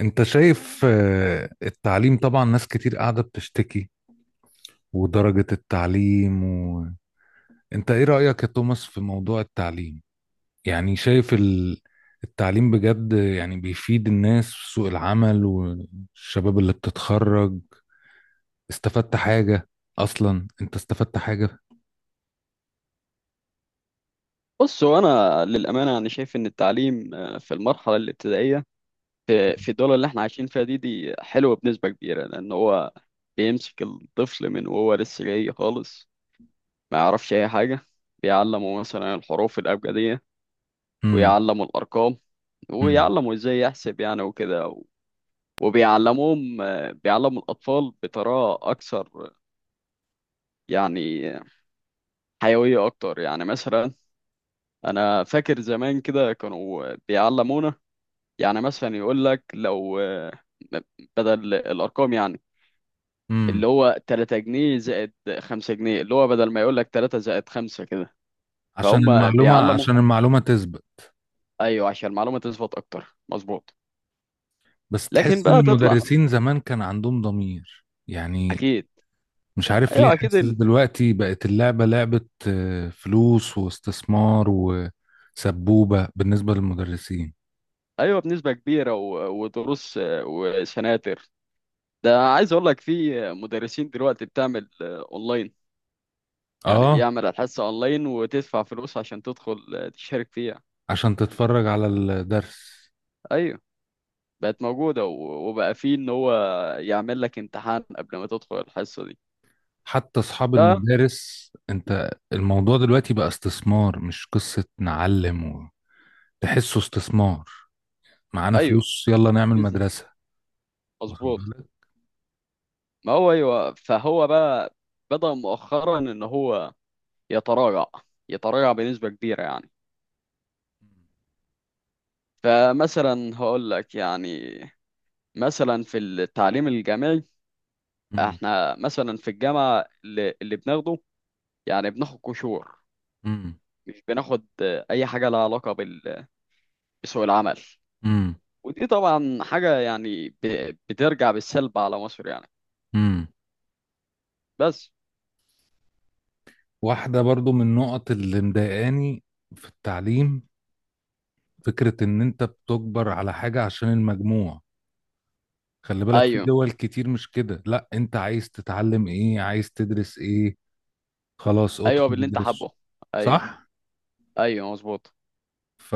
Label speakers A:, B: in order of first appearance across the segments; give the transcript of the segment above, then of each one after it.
A: انت شايف التعليم طبعا ناس كتير قاعدة بتشتكي ودرجة التعليم انت ايه رأيك يا توماس في موضوع التعليم؟ يعني شايف التعليم بجد يعني بيفيد الناس في سوق العمل والشباب اللي بتتخرج. استفدت حاجة؟ اصلا انت استفدت حاجة؟
B: بص، هو انا للامانه انا شايف ان التعليم في المرحله الابتدائيه في الدول اللي احنا عايشين فيها دي حلوه بنسبه كبيره، لان هو بيمسك الطفل من وهو لسه جاي خالص. ما يعرفش اي حاجه. بيعلمه مثلا الحروف الابجديه،
A: امم.
B: ويعلمه الارقام،
A: امم.
B: ويعلمه ازاي يحسب يعني وكده. وبيعلموهم آه، بيعلموا الاطفال بطريقه اكثر، يعني حيويه اكتر. يعني مثلا انا فاكر زمان كده كانوا بيعلمونا، يعني مثلا يقول لك لو بدل الارقام يعني،
A: امم.
B: اللي هو 3 جنيه زائد 5 جنيه، اللي هو بدل ما يقول لك 3 زائد 5 كده.
A: عشان
B: فهم
A: المعلومة
B: بيعلموا.
A: عشان المعلومة تسبق.
B: ايوه، عشان المعلومه تثبت اكتر. مظبوط.
A: بس
B: لكن
A: تحس ان
B: بقى تطلع.
A: المدرسين زمان كان عندهم ضمير يعني.
B: اكيد.
A: مش عارف ليه
B: ايوه اكيد
A: حاسس دلوقتي بقت اللعبة لعبة، فلوس واستثمار وسبوبة بالنسبة للمدرسين.
B: ايوه بنسبه كبيره. ودروس وسناتر. ده عايز اقول لك في مدرسين دلوقتي بتعمل اونلاين، يعني
A: اه.
B: يعمل الحصه اونلاين وتدفع فلوس عشان تدخل تشارك فيها.
A: عشان تتفرج على الدرس.
B: ايوه، بقت موجودة وبقى فيه ان هو يعمل لك امتحان قبل ما تدخل الحصة دي.
A: حتى اصحاب
B: ف-
A: المدارس، انت الموضوع دلوقتي بقى استثمار، مش قصة نعلم تحسه استثمار. معانا
B: ايوه.
A: فلوس، يلا نعمل
B: بيزنس.
A: مدرسة. واخد
B: مظبوط.
A: بالك؟
B: ما هو ايوه، فهو بقى بدأ مؤخرا ان هو يتراجع، يتراجع بنسبة كبيرة يعني. فمثلا هقول لك، يعني مثلا في التعليم الجامعي،
A: مم،
B: احنا مثلا في الجامعة اللي بناخده يعني بناخد قشور.
A: مم،
B: مش بناخد اي حاجة لها علاقة بسوق العمل.
A: مم،
B: ودي طبعا حاجة يعني بترجع بالسلب على مصر يعني.
A: مم.
B: بس.
A: واحدة برضو من النقط اللي مضايقاني في التعليم، فكرة ان انت بتجبر على حاجة عشان المجموع. خلي بالك في
B: ايوه.
A: دول كتير مش كده، لا انت عايز تتعلم ايه، عايز تدرس ايه، خلاص
B: ايوه
A: ادخل
B: باللي انت
A: ادرس.
B: حابه. ايوه.
A: صح؟
B: ايوه مظبوط.
A: ف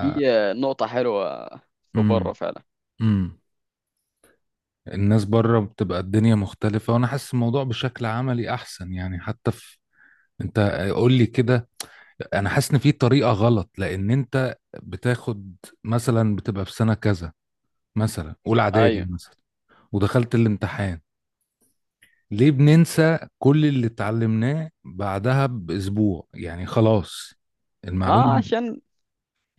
B: دي نقطة حلوة في بره
A: امم.
B: فعلا.
A: امم. الناس بره بتبقى الدنيا مختلفة، وانا حاسس الموضوع بشكل عملي احسن، يعني حتى في... انت قول لي كده، انا حاسس ان في طريقة غلط. لان انت بتاخد مثلا، بتبقى في سنة كذا، مثلا اولى اعدادي
B: ايوه.
A: مثلا، ودخلت الامتحان، ليه بننسى كل اللي اتعلمناه بعدها بأسبوع؟ يعني خلاص
B: ما
A: المعلومة...
B: عشان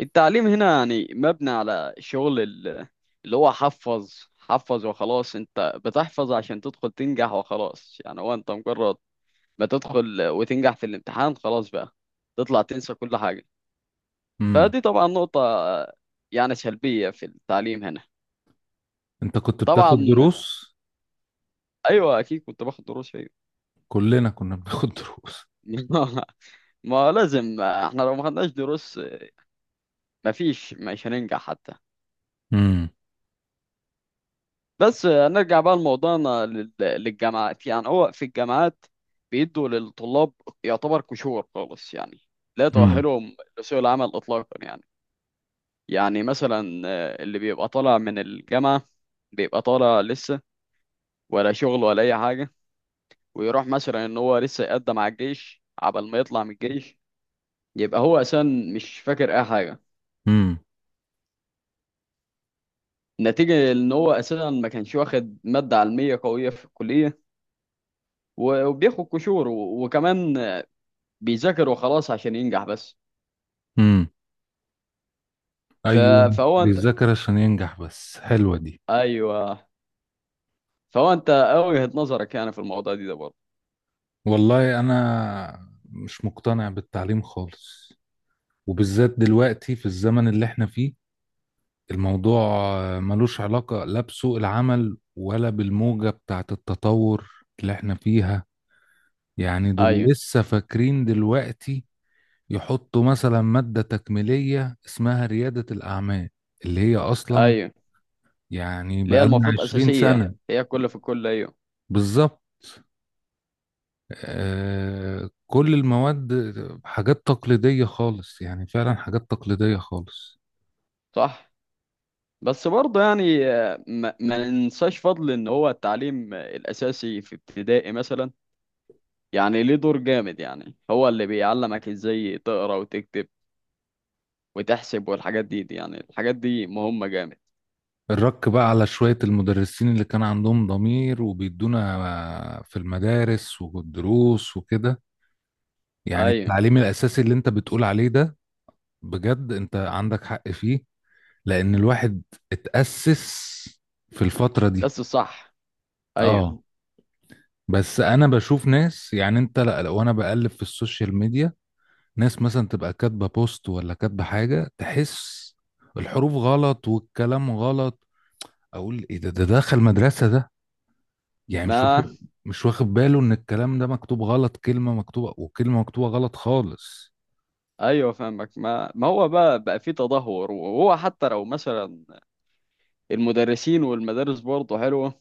B: التعليم هنا يعني مبني على شغل اللي هو حفظ وخلاص. انت بتحفظ عشان تدخل تنجح وخلاص يعني. هو انت مجرد ما تدخل وتنجح في الامتحان خلاص، بقى تطلع تنسى كل حاجة.
A: امم.
B: فدي طبعا نقطة يعني سلبية في التعليم هنا.
A: انت كنت بتاخد
B: طبعا.
A: دروس؟
B: ايوه اكيد كنت باخد دروس فيه.
A: كلنا كنا بناخد دروس.
B: ما لازم، احنا لو ما خدناش دروس مفيش، مش هننجح حتى.
A: امم.
B: بس نرجع بقى لموضوعنا للجامعات. يعني هو في الجامعات بيدوا للطلاب يعتبر كشور خالص يعني، لا
A: امم.
B: تؤهلهم لسوق العمل اطلاقا يعني. يعني مثلا اللي بيبقى طالع من الجامعة، بيبقى طالع لسه، ولا شغل ولا اي حاجة. ويروح مثلا ان هو لسه يقدم على الجيش، عبل ما يطلع من الجيش يبقى هو اساسا مش فاكر اي حاجه،
A: امم.
B: نتيجه ان هو اساسا ما كانش واخد ماده علميه قويه في الكليه. وبياخد قشور وكمان بيذاكر وخلاص عشان ينجح بس.
A: امم.
B: ف...
A: ايوه.
B: فهو انت.
A: بيذاكر عشان ينجح بس، حلوة دي.
B: ايوه. فهو انت وجهه نظرك يعني في الموضوع دي ده برضه؟
A: والله انا مش مقتنع بالتعليم خالص، وبالذات دلوقتي في الزمن اللي احنا فيه. الموضوع ملوش علاقة لا بسوق العمل ولا بالموجة بتاعت التطور اللي احنا فيها. يعني دول
B: ايوه.
A: لسه فاكرين دلوقتي يحطوا مثلا مادة تكميلية اسمها ريادة الأعمال، اللي هي أصلا
B: ايوه.
A: يعني
B: اللي هي
A: بقالنا
B: المفروض
A: عشرين
B: اساسيه،
A: سنة
B: هي الكل في الكل. ايوه.
A: بالظبط. آه، كل المواد حاجات تقليدية خالص، يعني فعلا حاجات تقليدية خالص.
B: صح. بس برضه يعني ما ننساش فضل ان هو التعليم الاساسي في ابتدائي مثلا، يعني ليه دور جامد. يعني هو اللي بيعلمك ازاي تقرا وتكتب وتحسب، والحاجات دي يعني الحاجات دي مهمة جامد.
A: الرك بقى على شوية المدرسين اللي كان عندهم ضمير وبيدونا في المدارس والدروس وكده. يعني
B: ايوه.
A: التعليم الأساسي اللي أنت بتقول عليه ده، بجد أنت عندك حق فيه، لان الواحد اتأسس في الفترة دي.
B: بس الصح. ايوه.
A: اه. بس انا بشوف ناس، يعني انت لا، لو انا بقلب في السوشيال ميديا، ناس مثلا تبقى كاتبة بوست ولا كاتبة حاجة، تحس الحروف غلط والكلام غلط. اقول ايه ده دخل مدرسة ده؟ يعني مش
B: ما
A: واخد، مش واخد باله ان الكلام ده مكتوب غلط، كلمة مكتوبة وكلمة مكتوبة غلط خالص.
B: ايوه فاهمك. ما ما هو بقى، في تدهور. وهو حتى لو مثلا المدرسين والمدارس برضه حلوة،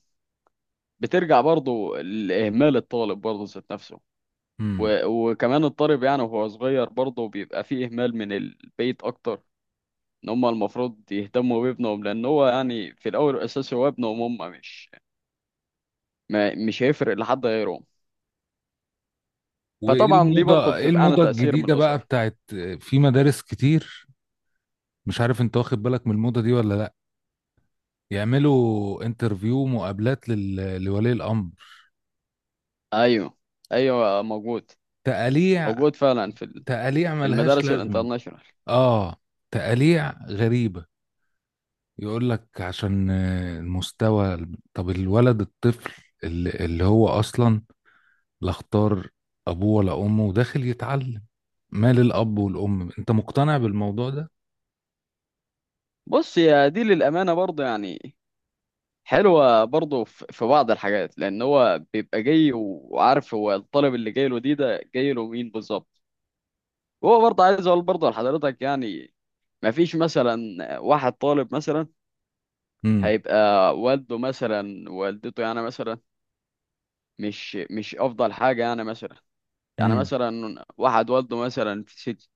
B: بترجع برضه لإهمال الطالب برضه ذات نفسه.
A: امم.
B: وكمان الطالب، يعني وهو صغير برضه بيبقى فيه إهمال من البيت أكتر. إن هما المفروض يهتموا بابنهم، لأن هو يعني في الأول والأساس هو ابنهم، هما مش، ما مش هيفرق لحد غيرهم.
A: وايه
B: فطبعا دي برضه
A: الموضة، ايه
B: بتبقى عن
A: الموضة
B: تأثير من
A: الجديدة بقى
B: الأسرة.
A: بتاعت في مدارس كتير، مش عارف انت واخد بالك من الموضة دي ولا لا؟ يعملوا انترفيو، مقابلات لولي الامر.
B: أيوه. أيوه موجود.
A: تقاليع،
B: موجود فعلا
A: تقاليع
B: في
A: ملهاش
B: المدارس
A: لازمه.
B: الانترناشونال.
A: اه. تقاليع غريبه. يقول لك عشان المستوى. طب الولد الطفل اللي هو اصلا لا اختار ابوه ولا امه وداخل يتعلم، مال الاب والام؟ انت مقتنع بالموضوع ده؟
B: بص يا دي للأمانة برضه يعني حلوة برضه في بعض الحاجات، لأن هو بيبقى جاي وعارف هو الطالب اللي جاي له دي، ده جاي له مين بالظبط. هو برضه عايز أقول برضه لحضرتك يعني، ما فيش مثلا واحد طالب مثلا
A: امم.
B: هيبقى والده مثلا، والدته يعني مثلا مش أفضل حاجة يعني مثلا. يعني
A: امم.
B: مثلا واحد والده مثلا في سجن،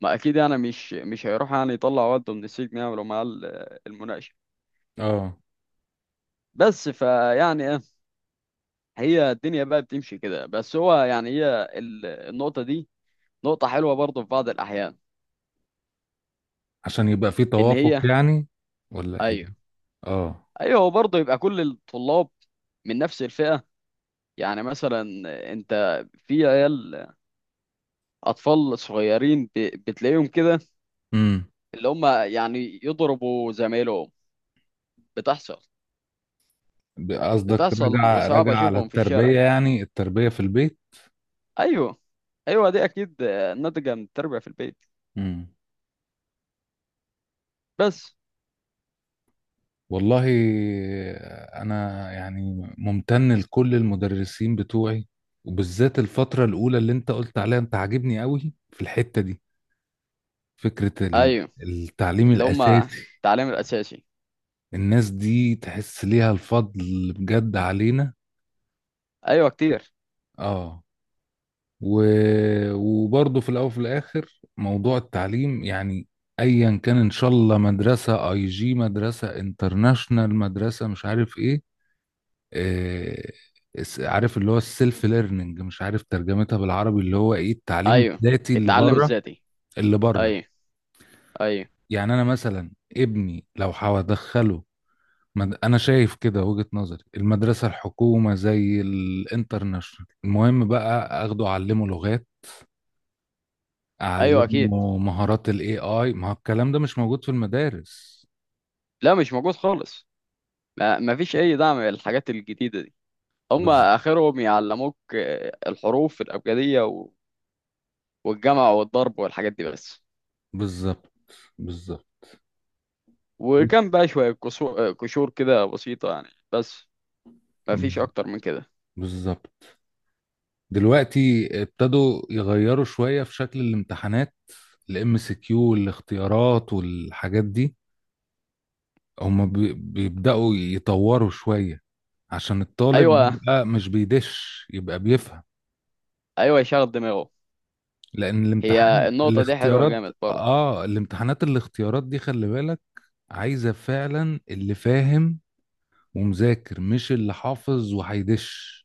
B: ما اكيد يعني مش هيروح يعني يطلع والده من السجن يعملوا معاه المناقشه.
A: اه،
B: بس فيعني ايه، هي الدنيا بقى بتمشي كده. بس هو يعني هي النقطه دي نقطه حلوه برضه في بعض الاحيان،
A: عشان يبقى في
B: ان
A: توافق
B: هي.
A: يعني، ولا ايه؟
B: ايوه.
A: اه.
B: ايوه. هو برضه يبقى كل الطلاب من نفس الفئه. يعني مثلا انت، في عيال اطفال صغيرين بتلاقيهم كده
A: امم.
B: اللي هم يعني يضربوا زمايلهم. بتحصل.
A: قصدك
B: بتصل
A: رجع
B: وصعب
A: رجع على
B: اشوفهم في الشارع.
A: التربية، يعني التربية في البيت؟
B: ايوه. ايوه دي اكيد ناتجه من التربيه في البيت.
A: امم.
B: بس.
A: والله، أنا يعني ممتن لكل المدرسين بتوعي، وبالذات الفترة الأولى اللي أنت قلت عليها. أنت عاجبني قوي في الحتة دي، فكرة
B: ايوه.
A: التعليم
B: اللي هم
A: الأساسي.
B: التعليم الاساسي.
A: الناس دي تحس ليها الفضل بجد علينا.
B: ايوه كتير.
A: آه و... وبرضه في الاول وفي الاخر موضوع التعليم، يعني ايا كان ان شاء الله مدرسه اي جي، مدرسه انترناشنال، مدرسه مش عارف ايه... آه... عارف اللي هو السيلف ليرنينج، مش عارف ترجمتها بالعربي، اللي هو ايه، التعليم
B: ايوه
A: الذاتي اللي
B: التعلم
A: بره،
B: الذاتي.
A: اللي بره.
B: ايوه. ايوه.
A: يعني انا مثلا ابني لو هدخله انا شايف كده وجهة نظري، المدرسه الحكومه زي الانترناشنال، المهم بقى اخده اعلمه لغات،
B: ايوه اكيد،
A: اعلمه مهارات الاي اي. ما هو الكلام ده مش موجود في المدارس.
B: لا مش موجود خالص. ما ما فيش اي دعم للحاجات الجديده دي. هم
A: بز-
B: اخرهم يعلموك الحروف الابجديه والجمع والضرب والحاجات دي بس.
A: بالظبط، بالظبط.
B: وكان بقى شويه كشور كده بسيطه يعني بس. ما فيش
A: بز-
B: اكتر من كده.
A: بالظبط. دلوقتي ابتدوا يغيروا شوية في شكل الامتحانات، الام سي كيو والاختيارات والحاجات دي، هما بيبدأوا يطوروا شوية عشان الطالب
B: ايوه.
A: يبقى مش بيدش، يبقى بيفهم.
B: ايوه يشغل دماغه.
A: لأن
B: هي
A: الامتحان
B: النقطة دي حلوة
A: الاختيارات،
B: جامد برضه.
A: اه الامتحانات الاختيارات دي خلي بالك عايزة فعلا اللي فاهم ومذاكر، مش اللي حافظ وهيدش.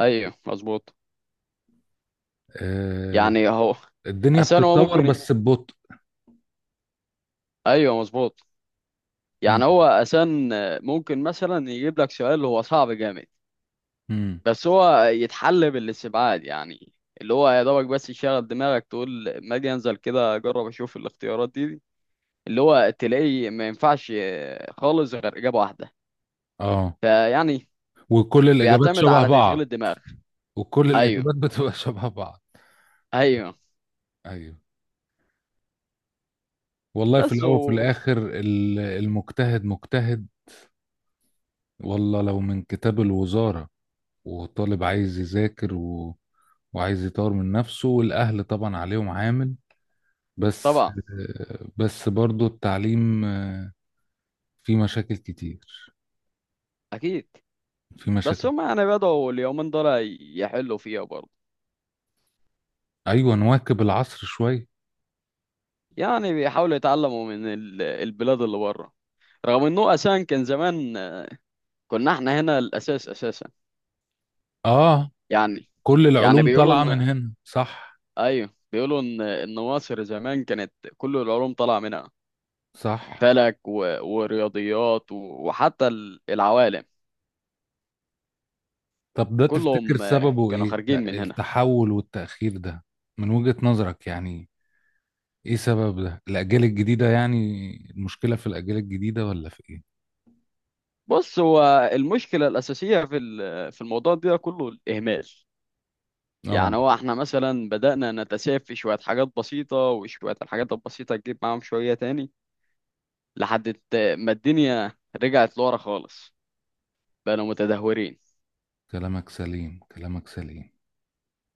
B: ايوه مظبوط.
A: آه.
B: يعني هو
A: الدنيا
B: اسان، هو
A: بتتطور
B: ممكن.
A: بس ببطء.
B: ايوه مظبوط.
A: مم.
B: يعني هو اسان ممكن مثلا يجيب لك سؤال هو صعب جامد،
A: مم.
B: بس هو يتحل بالاستبعاد يعني، اللي هو يا دوبك بس يشغل دماغك تقول ما اجي انزل كده اجرب اشوف الاختيارات دي اللي هو تلاقيه ما ينفعش خالص غير اجابة واحدة.
A: اه،
B: فيعني
A: وكل الاجابات
B: بيعتمد
A: شبه
B: على تشغيل
A: بعض،
B: الدماغ.
A: وكل
B: ايوه.
A: الاجابات بتبقى شبه بعض.
B: ايوه.
A: ايوه. والله في
B: بس
A: الاول وفي الاخر المجتهد مجتهد. والله لو من كتاب الوزارة وطالب عايز يذاكر وعايز يطور من نفسه، والاهل طبعا عليهم عامل، بس.
B: طبعا.
A: بس برضو التعليم فيه مشاكل كتير،
B: اكيد.
A: في
B: بس
A: مشاكل.
B: هم يعني بدأوا اليومين دول يحلوا فيها برضه.
A: ايوه، نواكب العصر شويه.
B: يعني بيحاولوا يتعلموا من البلاد اللي بره، رغم انه اساسا كان زمان كنا احنا هنا الاساس اساسا
A: اه،
B: يعني.
A: كل
B: يعني
A: العلوم
B: بيقولوا
A: طالعه من
B: ان.
A: هنا، صح؟
B: ايوه بيقولوا ان ان مصر زمان كانت كل العلوم طالعه منها.
A: صح.
B: فلك ورياضيات وحتى العوالم
A: طب ده تفتكر
B: كلهم
A: سببه
B: كانوا
A: ايه،
B: خارجين
A: لا،
B: من هنا.
A: التحول والتأخير ده، من وجهة نظرك يعني؟ ايه سبب ده؟ الاجيال الجديده يعني، المشكله في الاجيال الجديده ولا في ايه؟
B: بص هو المشكله الاساسيه في في الموضوع ده كله الاهمال.
A: اه،
B: يعني هو احنا مثلا بدأنا نتساهل في شوية حاجات بسيطة، وشوية الحاجات البسيطة تجيب معاهم شوية تاني، لحد ما الدنيا رجعت لورا خالص، بقينا متدهورين.
A: كلامك سليم، كلامك سليم.